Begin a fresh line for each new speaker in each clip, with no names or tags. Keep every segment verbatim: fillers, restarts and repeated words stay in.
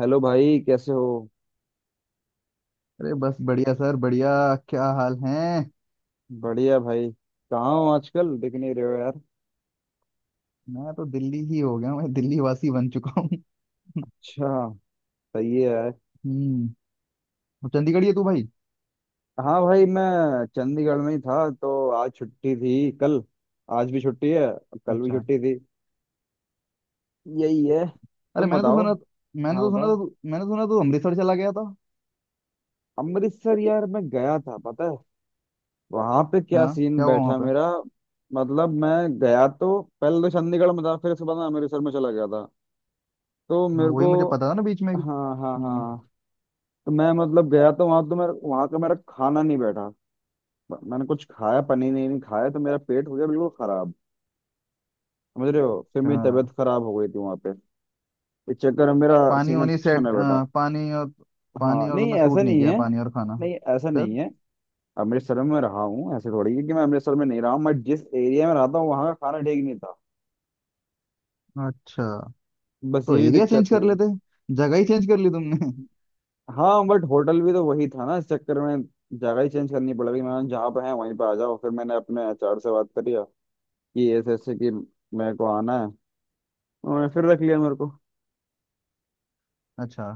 Hello भाई, कैसे हो?
अरे बस बढ़िया सर बढ़िया। क्या हाल है।
बढ़िया भाई। कहाँ हो? आजकल दिख नहीं रहे हो यार।
मैं तो दिल्ली ही हो गया हूँ। मैं दिल्ली वासी बन चुका हूँ।
अच्छा। सही है यार।
हम्म। तो चंडीगढ़ ही है तू भाई।
हाँ भाई, मैं चंडीगढ़ में ही था। तो आज छुट्टी थी, कल आज भी छुट्टी है और कल भी
अच्छा।
छुट्टी थी। यही है।
अरे
तुम
मैंने तो
बताओ।
सुना। मैंने
हाँ
तो सुना था
बताओ।
तू- मैंने सुना तू अमृतसर चला गया था।
अमृतसर यार, मैं गया था पता है। वहां पे क्या
हाँ
सीन
क्या हुआ वहाँ
बैठा
पे।
मेरा। मतलब मैं गया, तो पहले तो चंडीगढ़ में था, फिर उसके बाद मैं अमृतसर में चला गया था। तो
हाँ,
मेरे को।
वही मुझे पता था ना बीच में।
हाँ हाँ
हम्म।
हाँ। तो मैं मतलब गया, तो वहां तो मेरा वहां का मेरा खाना नहीं बैठा। ब- मैंने कुछ खाया, पनीर नहीं, नहीं खाया, तो मेरा पेट हो गया बिल्कुल खराब। समझ रहे हो? फिर
अच्छा।
मेरी तबीयत खराब हो गई थी वहां पे। इस चक्कर में मेरा
पानी
सीन
वानी
अच्छा
सेट।
नहीं बैठा।
पानी और।
हाँ
पानी और
नहीं,
तुम्हें सूट
ऐसा
नहीं
नहीं
किया,
है।
पानी और खाना।
नहीं, ऐसा
फिर।
नहीं है। अमृतसर में मैं रहा हूँ, ऐसे थोड़ी है कि मैं अमृतसर में नहीं रहा हूँ। मैं जिस एरिया में रहता हूँ वहाँ का खाना ठीक नहीं था।
अच्छा।
बस
तो
यही
एरिया
दिक्कत
चेंज कर
थी।
लेते। जगह ही चेंज कर ली तुमने।
हाँ बट होटल भी तो वही था ना, इस चक्कर में जगह ही चेंज करनी पड़ गई। मैंने जहाँ पे है वहीं पे आ जाओ, फिर मैंने अपने एच आर से बात करी कि ऐसे ऐसे, कि मेरे को आना है। उन्होंने फिर रख लिया मेरे को।
अच्छा।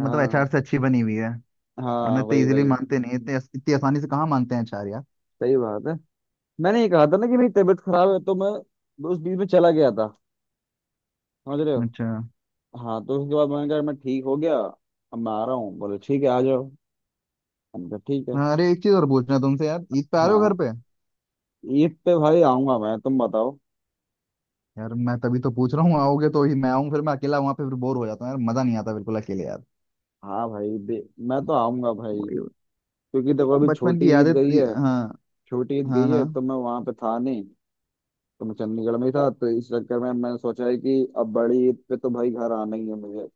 मतलब एच आर से अच्छी बनी हुई है। वरना
हाँ
इतने
वही
इजीली
वही।
मानते नहीं, इतने इतनी आसानी से कहाँ मानते हैं चार यार।
सही बात है। मैंने ये कहा था ना कि मेरी तबीयत खराब है, तो मैं उस बीच में चला गया था। समझ रहे हो?
अच्छा।
हाँ, तो उसके बाद मैंने कहा मैं ठीक हो गया। अब मैं आ रहा हूँ, बोले ठीक है, आ जाओ। हमने कहा ठीक है।
अरे एक चीज और पूछना है तुमसे यार, ईद पे आ रहे हो
हाँ।
घर पे।
ईद पे भाई आऊंगा मैं। तुम बताओ।
यार मैं तभी तो पूछ रहा हूँ, आओगे तो ही मैं आऊँ। फिर मैं अकेला वहां पे फिर बोर हो जाता हूँ यार, मजा नहीं आता बिल्कुल अकेले यार।
हाँ भाई, दे, मैं तो आऊंगा भाई।
वही वही।
क्योंकि देखो अभी
बचपन
छोटी
की
ईद
यादें
गई है।
थी- हाँ।
छोटी ईद
हाँ
गई है
हाँ।
तो मैं वहां पे था नहीं। तो मैं चंडीगढ़ में ही था, तो इस चक्कर में मैंने सोचा है कि अब बड़ी ईद पे तो भाई घर आना ही है मुझे।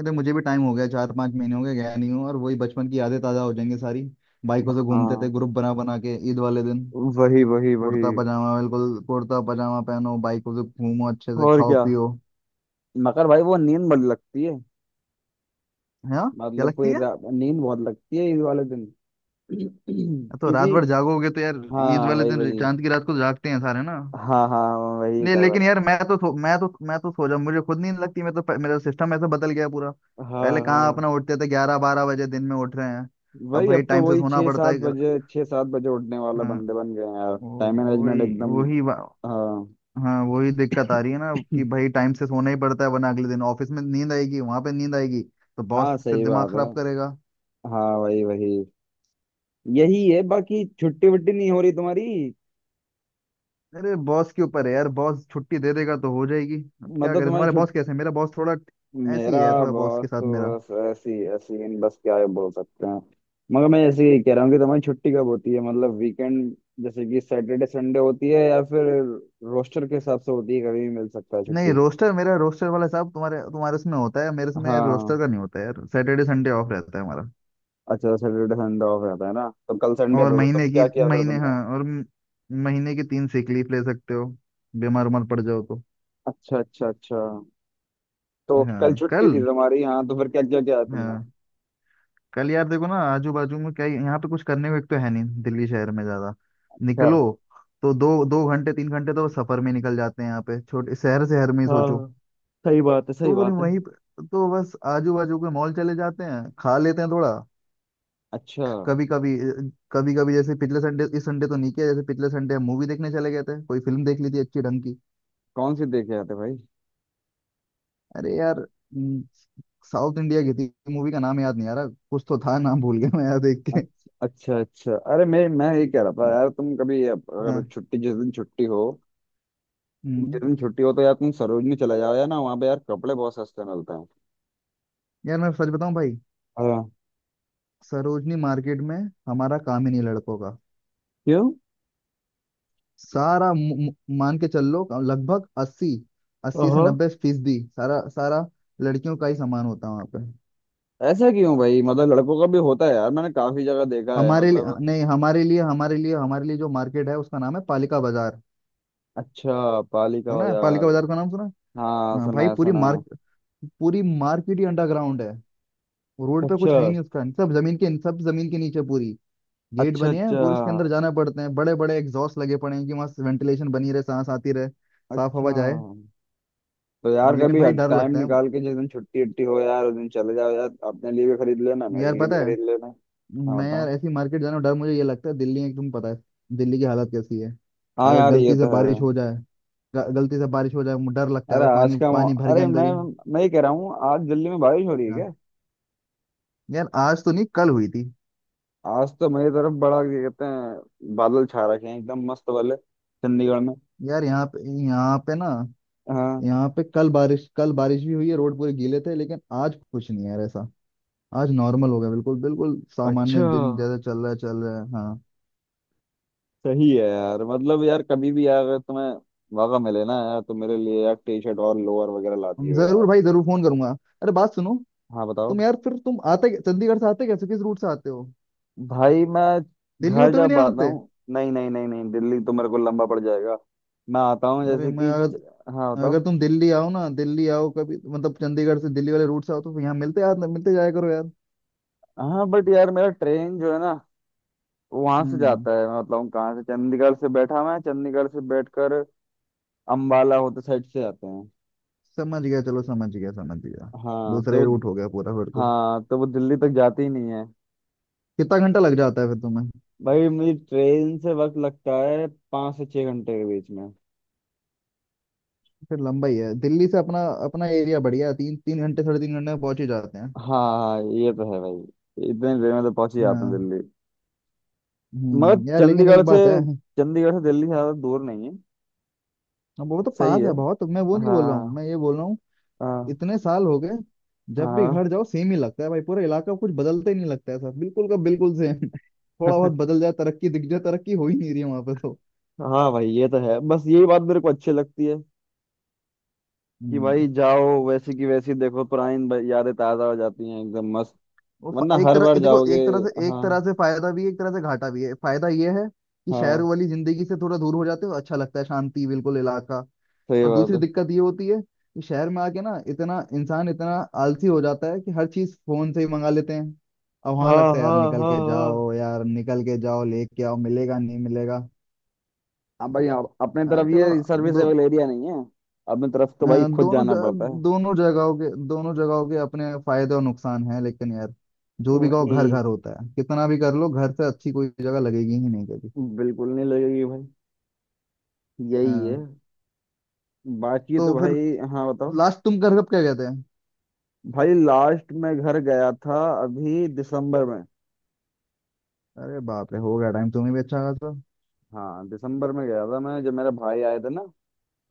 अरे मुझे भी टाइम हो गया, चार पांच महीने हो गए गया नहीं हूँ, और वही बचपन की यादें ताजा हो जाएंगी सारी। बाइकों से घूमते थे
हाँ
ग्रुप बना बना के ईद वाले दिन।
वही वही वही।
कुर्ता पजामा, बिल्कुल कुर्ता पजामा पहनो, बाइकों से घूमो, अच्छे से
और
खाओ
क्या।
पियो।
मगर भाई, वो नींद बड़ी लगती है।
है हाँ? क्या
मतलब
लगती
कोई
है।
रा- नींद बहुत लगती है ईद वाले दिन।
तो रात
क्योंकि।
भर जागोगे तो यार। ईद
हाँ
वाले
वही
दिन
वही।
चांद की रात को तो जागते हैं सारे ना।
हाँ हाँ। वही
नहीं
खबर
लेकिन
है।
यार, मैं तो सो- मैं तो मैं तो सो जाऊं, मुझे खुद नींद लगती। मैं तो प- मेरा सिस्टम ऐसा बदल गया पूरा।
हाँ
पहले कहाँ,
हाँ।
अपना उठते थे ग्यारह बारह बजे, दिन में उठ रहे हैं। अब
वही
भाई
अब तो
टाइम से
वही
सोना
छः
पड़ता
सात
है अगर-।
बजे छः सात बजे उठने वाले
हाँ।
बंदे बन गए हैं यार। टाइम
वो-
मैनेजमेंट
वही
एकदम।
वही बा-
हाँ।
हाँ वही दिक्कत आ रही है ना कि भाई टाइम से सोना ही पड़ता है, वरना अगले दिन ऑफिस में नींद आएगी, वहां पे नींद आएगी, तो
हाँ
बॉस फिर
सही
दिमाग
बात है।
खराब करेगा।
हाँ वही वही। यही है। बाकी छुट्टी वट्टी नहीं हो रही तुम्हारी?
अरे बॉस के ऊपर है यार, बॉस छुट्टी दे देगा तो हो जाएगी। अब क्या
मतलब
करें,
तुम्हारी
तुम्हारे
छुट
बॉस कैसे हैं। मेरा बॉस थोड़ा
मेरा
ऐसी है, थोड़ा बॉस
बॉस
के साथ मेरा।
तो बस ऐसी ऐसी इन बस क्या बोल सकते हैं। मगर मैं ऐसे ही कह रहा हूँ कि तुम्हारी छुट्टी कब होती है? मतलब वीकेंड जैसे कि सैटरडे संडे होती है, या फिर रोस्टर के हिसाब से होती है, कभी भी मिल सकता है
नहीं
छुट्टी?
रोस्टर, मेरा रोस्टर वाला साहब तुम्हारे तुम्हारे उसमें होता है, मेरे उसमें
हाँ।
रोस्टर का नहीं होता है यार। सैटरडे संडे ऑफ रहता है हमारा।
अच्छा सैटरडे संडे ऑफ रहता है ना, तो कल संडे
और
था तो तुम
महीने की
क्या किया फिर
महीने
तुमने?
हाँ और म- महीने की तीन सिक लीव ले सकते हो, बीमार उमार पड़ जाओ तो।
अच्छा अच्छा अच्छा। तो कल
हाँ
छुट्टी थी
कल।
तुम्हारी, हाँ, तो फिर क्या क्या किया तुमने?
हाँ कल यार देखो ना, आजू बाजू में क्या यहाँ पे कुछ करने को एक तो है नहीं दिल्ली शहर में, ज्यादा
अच्छा।
निकलो तो दो दो घंटे तीन घंटे तो सफर में निकल जाते हैं, यहाँ पे छोटे शहर, शहर में ही सोचो।
हाँ सही बात है, सही
तो वो नहीं
बात है।
वहीं पे- तो बस आजू बाजू के मॉल चले जाते हैं, खा लेते हैं थोड़ा
अच्छा,
कभी कभी। कभी कभी जैसे पिछले संडे, इस संडे तो नहीं किया, जैसे पिछले संडे हम मूवी देखने चले गए थे, कोई फिल्म देख ली थी अच्छी ढंग की।
कौन सी देख के आते भाई?
अरे यार हम्म, साउथ इंडिया की थी। मूवी का नाम याद नहीं आ रहा, कुछ तो था, नाम भूल गया मैं यार देख के।
अच्छा अच्छा अच्छा, अरे मैं मैं ये कह रहा था
हाँ
यार, तुम कभी अप- अगर
हाँ।
छुट्टी जिस दिन छुट्टी हो,
हम्म
जिस दिन छुट्टी हो तो यार तुम सरोजनी चले जाओ यार ना, वहाँ पे यार कपड़े बहुत सस्ते मिलते हैं।
यार मैं सच बताऊं भाई,
हाँ।
सरोजनी मार्केट में हमारा काम ही नहीं लड़कों का।
क्यों?
सारा मु- मु- मान के चल लो लगभग अस्सी, अस्सी से
हाँ।
नब्बे फीसदी सारा सारा लड़कियों का ही सामान होता है वहाँ पे।
ऐसा क्यों भाई? मतलब लड़कों का भी होता है यार, मैंने काफी जगह देखा है
हमारे लिए
मतलब।
नहीं हमारे लिए हमारे लिए हमारे लिए जो मार्केट है उसका नाम है पालिका बाजार।
अच्छा, पाली का हो
सुना है पालिका
यार?
बाजार का नाम सुना है?
हाँ
हाँ
सुना
भाई
है
पूरी
सुना है।
मार्क पूरी मार्केट ही अंडरग्राउंड है, रोड पे
अच्छा
कुछ है ही नहीं उसका। सब जमीन के सब जमीन के नीचे पूरी गेट
अच्छा
बने हैं,
अच्छा
पूरे उसके अंदर जाना पड़ते हैं, बड़े बड़े एग्जॉस्ट लगे पड़े हैं कि वहां वेंटिलेशन बनी रहे, सांस आती रहे, साफ हवा
अच्छा।
जाए।
तो यार
लेकिन
कभी
भाई डर
टाइम
लगता है।
निकाल के जिस दिन छुट्टी उट्टी हो यार उस दिन चले जाओ यार, अपने लिए भी खरीद लेना मेरे
यार
लिए भी
पता है,
खरीद लेना। हाँ
मैं यार
बताओ।
ऐसी मार्केट जाना, डर मुझे ये लगता है दिल्ली में, तुम पता है दिल्ली की हालत कैसी है,
हाँ
अगर
यार ये
गलती
तो
से
है।
बारिश हो जाए, ग- गलती से बारिश हो जाए मुझे डर लगता है
अरे
भाई,
आज
पानी
का मौ...
पानी भर के
अरे
अंदर
मैं
ही।
मैं ये कह रहा हूँ आज दिल्ली में बारिश हो रही है
हाँ।
क्या?
यार आज तो नहीं, कल हुई थी।
आज तो मेरी तरफ बड़ा ये कहते हैं बादल छा रखे हैं एकदम मस्त वाले चंडीगढ़ में।
यार यहाँ पे, यहाँ पे ना,
हाँ।
यहाँ पे कल बारिश, कल बारिश भी हुई है, रोड पूरे गीले थे, लेकिन आज कुछ नहीं है यार ऐसा। आज नॉर्मल हो गया बिल्कुल, बिल्कुल सामान्य
अच्छा।
दिन जैसा चल रहा है, चल रहा है। हाँ।
सही है यार। मतलब यार कभी भी यार अगर तुम्हें मौका मिले ना यार, तो मेरे लिए यार टी शर्ट और लोअर वगैरह ला दियो यार।
जरूर भाई जरूर, फोन करूंगा। अरे बात सुनो,
हाँ बताओ।
तुम यार फिर तुम आते कै- चंडीगढ़ से आते कैसे, किस रूट से आते हो,
भाई मैं
दिल्ली
घर
होते हुए
जब
नहीं
आता
आते।
हूँ, नहीं नहीं नहीं नहीं, दिल्ली तो मेरे को लंबा पड़ जाएगा। मैं आता हूँ
अरे
जैसे
मैं
कि।
अगर।
हाँ
अगर
बताओ।
तुम दिल्ली आओ ना, दिल्ली आओ कभी, मतलब चंडीगढ़ से दिल्ली वाले रूट से आओ तो यहाँ मिलते यार, मिलते जाया करो यार।
हाँ बट यार मेरा ट्रेन जो है ना वहां से
हम्म।
जाता है, मैं बताऊँ कहाँ से। चंडीगढ़ से बैठा मैं, चंडीगढ़ से बैठकर अम्बाला होते साइड से जाते हैं।
समझ गया, चलो समझ गया, समझ गया।
हाँ
दूसरा ही
तो
रूट हो गया पूरा फिर तो।
हाँ तो वो दिल्ली तक जाती ही नहीं है।
कितना घंटा लग जाता है फिर तुम्हें।
भाई मुझे ट्रेन से वक्त लगता है पाँच से छह घंटे के बीच में।
फिर लंबा ही है, दिल्ली से अपना अपना एरिया बढ़िया है, तीन तीन घंटे साढ़े तीन घंटे में पहुंच ही जाते हैं।
हाँ हाँ ये तो है भाई, इतने देर में तो पहुंच ही जाते हैं
हाँ।
दिल्ली। मगर
हम्म। यार लेकिन
चंडीगढ़
एक
से
बात है।
चंडीगढ़ से दिल्ली ज्यादा दूर नहीं है।
अब वो तो
सही
पास
है।
है बहुत, मैं वो नहीं
हाँ
बोल रहा हूँ, मैं ये बोल रहा हूँ।
हाँ
इतने साल हो गए, जब भी
हाँ।
घर जाओ सेम ही लगता है भाई, पूरा इलाका कुछ बदलता ही नहीं लगता है सर, बिल्कुल का बिल्कुल सेम। थोड़ा बहुत बदल जाए, तरक्की दिख जाए, तरक्की हो ही नहीं रही है वहां पे तो।
हाँ भाई ये तो है। बस यही बात मेरे को अच्छी लगती है कि
हम्म।
भाई जाओ वैसी की वैसी देखो, पुरानी ब- यादें ताजा हो जाती हैं एकदम मस्त।
वो फ-
वरना
एक
हर
तरह
बार
ये देखो,
जाओगे।
एक तरह से, एक
हाँ
तरह से फायदा भी है, एक तरह से घाटा भी है। फायदा ये है कि शहर
हाँ
वाली जिंदगी से थोड़ा दूर हो जाते हो, अच्छा लगता है, शांति बिल्कुल इलाका।
सही
और
बात
दूसरी
है।
दिक्कत ये होती है कि शहर में आके ना, इतना इंसान इतना आलसी हो जाता है कि हर चीज फोन से ही मंगा लेते हैं। अब वहां
हाँ
लगता है यार
हाँ
निकल
हाँ
के
हाँ।
जाओ यार, निकल के जाओ लेके आओ, मिलेगा नहीं मिलेगा।
हाँ भाई, आप, अपने तरफ
यार चलो।
ये
दो।
सर्विसेबल एरिया नहीं है। अपने तरफ तो
अ,
भाई खुद
दोनों
जाना पड़ता है।
ज- दोनों जगहों के दोनों जगहों के अपने फायदे और नुकसान हैं, लेकिन यार जो भी कहो
वही
घर घर होता है, कितना भी कर लो घर से अच्छी कोई जगह लगेगी ही नहीं कभी।
बिल्कुल नहीं लगेगी भाई। यही है।
हाँ।
बाकी
तो
तो
फिर
भाई, हाँ बताओ।
लास्ट तुम कर कब क्या कहते हैं।
भाई लास्ट में घर गया था अभी दिसंबर में।
अरे बाप रे, हो गया टाइम तुम्हें भी अच्छा खासा।
हाँ दिसंबर में गया था मैं, जब मेरे भाई आए थे ना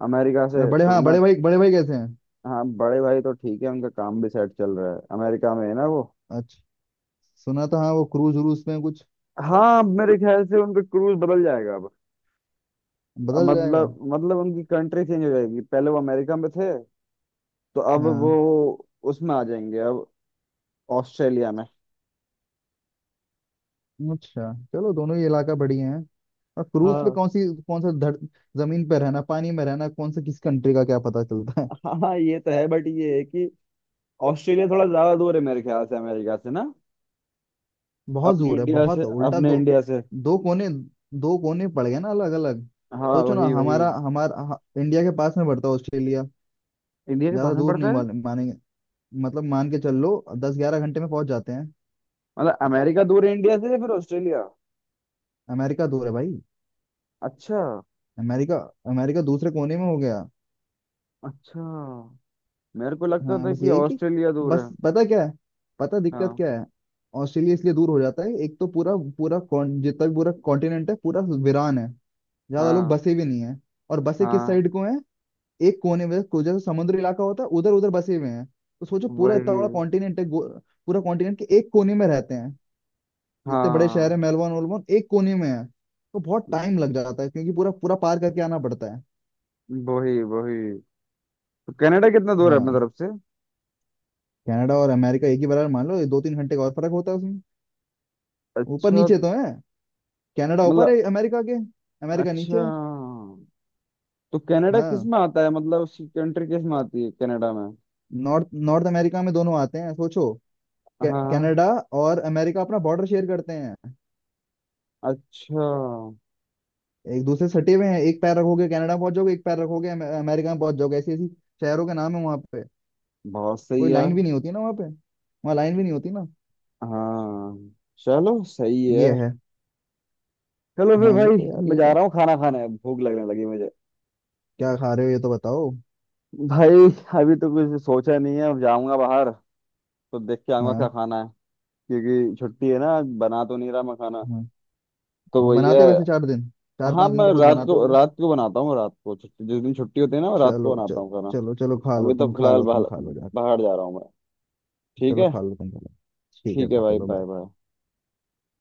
अमेरिका
अरे
से
बड़े,
तो
हाँ
मैं।
बड़े भाई, बड़े भाई कैसे हैं।
हाँ बड़े भाई तो ठीक है, उनका काम भी सेट चल रहा है, अमेरिका में है ना वो।
अच्छा। सुना था हाँ, वो क्रूज व्रूज में कुछ।
हाँ। अब मेरे ख्याल से उनका क्रूज बदल जाएगा अब। अब
बदल जाएगा।
मतलब मतलब उनकी कंट्री चेंज हो जाएगी, पहले वो अमेरिका में थे, तो अब वो
हाँ।
उसमें आ जाएंगे अब, ऑस्ट्रेलिया में।
अच्छा चलो, दोनों ही इलाका बढ़िया है। और क्रूज पे
हाँ
कौन सी कौन सा धर, जमीन पे रहना पानी में रहना, कौन से किस कंट्री का क्या पता चलता है।
हाँ हाँ, ये तो है बट ये है कि ऑस्ट्रेलिया थोड़ा ज्यादा दूर है मेरे ख्याल से अमेरिका से ना।
बहुत
अपने
दूर है,
इंडिया से,
बहुत है, उल्टा
अपने
दो।
इंडिया से।
दो कोने, दो कोने पड़ गए ना अलग अलग।
हाँ
सोचो ना,
वही वही।
हमारा हमारा ह- इंडिया के पास में पड़ता है ऑस्ट्रेलिया,
इंडिया के पास
ज्यादा
में
दूर
पड़ता
नहीं
है।
मान, मानेंगे, मतलब मान के चल लो दस ग्यारह घंटे में पहुंच जाते हैं।
मतलब अमेरिका दूर है इंडिया से या फिर ऑस्ट्रेलिया?
अमेरिका दूर है भाई।
अच्छा।
अमेरिका, अमेरिका दूसरे कोने में हो गया।
अच्छा, मेरे को लगता
हाँ
था
बस
कि
यही कि,
ऑस्ट्रेलिया दूर
बस
है।
पता क्या है, पता दिक्कत
हाँ
क्या है, ऑस्ट्रेलिया इसलिए दूर हो जाता है। एक तो पूरा पूरा कॉन- जितना भी पूरा कॉन्टिनेंट है पूरा वीरान है, ज्यादा लोग
हाँ।
बसे भी नहीं है। और बसे किस
हाँ
साइड को है, एक कोने में को- जैसे समुद्र इलाका होता है, उधर उधर बसे हुए हैं, तो सोचो पूरा इतना
वही।
बड़ा कॉन्टिनेंट है गो- पूरा कॉन्टिनेंट के एक कोने में रहते हैं। जितने बड़े शहर
हाँ
है मेलबोर्न वेलबोर्न एक कोने में है, तो बहुत टाइम लग जाता है, क्योंकि पूरा पूरा पार करके आना पड़ता है।
वही वही। तो कनाडा कितना दूर है अपनी
हाँ।
तरफ से?
कनाडा और अमेरिका एक ही बराबर मान लो, ये दो तीन घंटे का और फर्क होता है उसमें, ऊपर
अच्छा।
नीचे तो है। कनाडा ऊपर है
मतलब।
अमेरिका के, अमेरिका नीचे
अच्छा,
है।
तो कनाडा किस
हाँ।
में आता है, मतलब उसकी कंट्री किस में आती है कनाडा में?
नॉर्थ नॉर्थ अमेरिका में दोनों आते हैं। सोचो, कै-
हाँ।
कनाडा और अमेरिका अपना बॉर्डर शेयर करते हैं,
अच्छा।
एक दूसरे से सटे हुए हैं, एक पैर रखोगे कनाडा पहुंच जाओगे, एक पैर रखोगे अमे- अमेरिका में पहुंच जाओगे। ऐसी ऐसी शहरों के नाम है वहां पे।
बहुत सही
कोई लाइन
यार।
भी नहीं होती ना वहां पे, वहां लाइन भी नहीं होती ना।
हाँ। चलो सही है।
ये है।
चलो फिर
हाँ ये तो
भाई
यार,
मैं जा
लेकिन
रहा हूँ खाना खाने, अब भूख लगने लगी मुझे।
क्या खा रहे हो ये तो बताओ।
भाई अभी तो कुछ सोचा नहीं है, अब जाऊंगा बाहर तो देख के आऊंगा क्या
हाँ।
खाना है। क्योंकि छुट्टी है ना आज, बना तो नहीं रहा मैं खाना।
हाँ।
तो
तो
वही
बनाते
है।
हो वैसे, चार दिन, चार
हाँ
पांच दिन
मैं
तो खुद
रात
बनाते
को
होगे।
रात को बनाता हूँ, रात को छुट्टी जिस दिन छुट्टी होती है ना, मैं रात को
चलो
बनाता
चलो।
हूँ खाना।
चलो चलो, खा लो
अभी तो
तुम, खा
फिलहाल
लो तुम,
बाहर,
खा लो यार।
बाहर जा रहा हूँ मैं। ठीक
चलो
है।
खा लो, तुम खा लो। ठीक है
ठीक है
भाई,
भाई,
चलो
बाय
बाय।
बाय।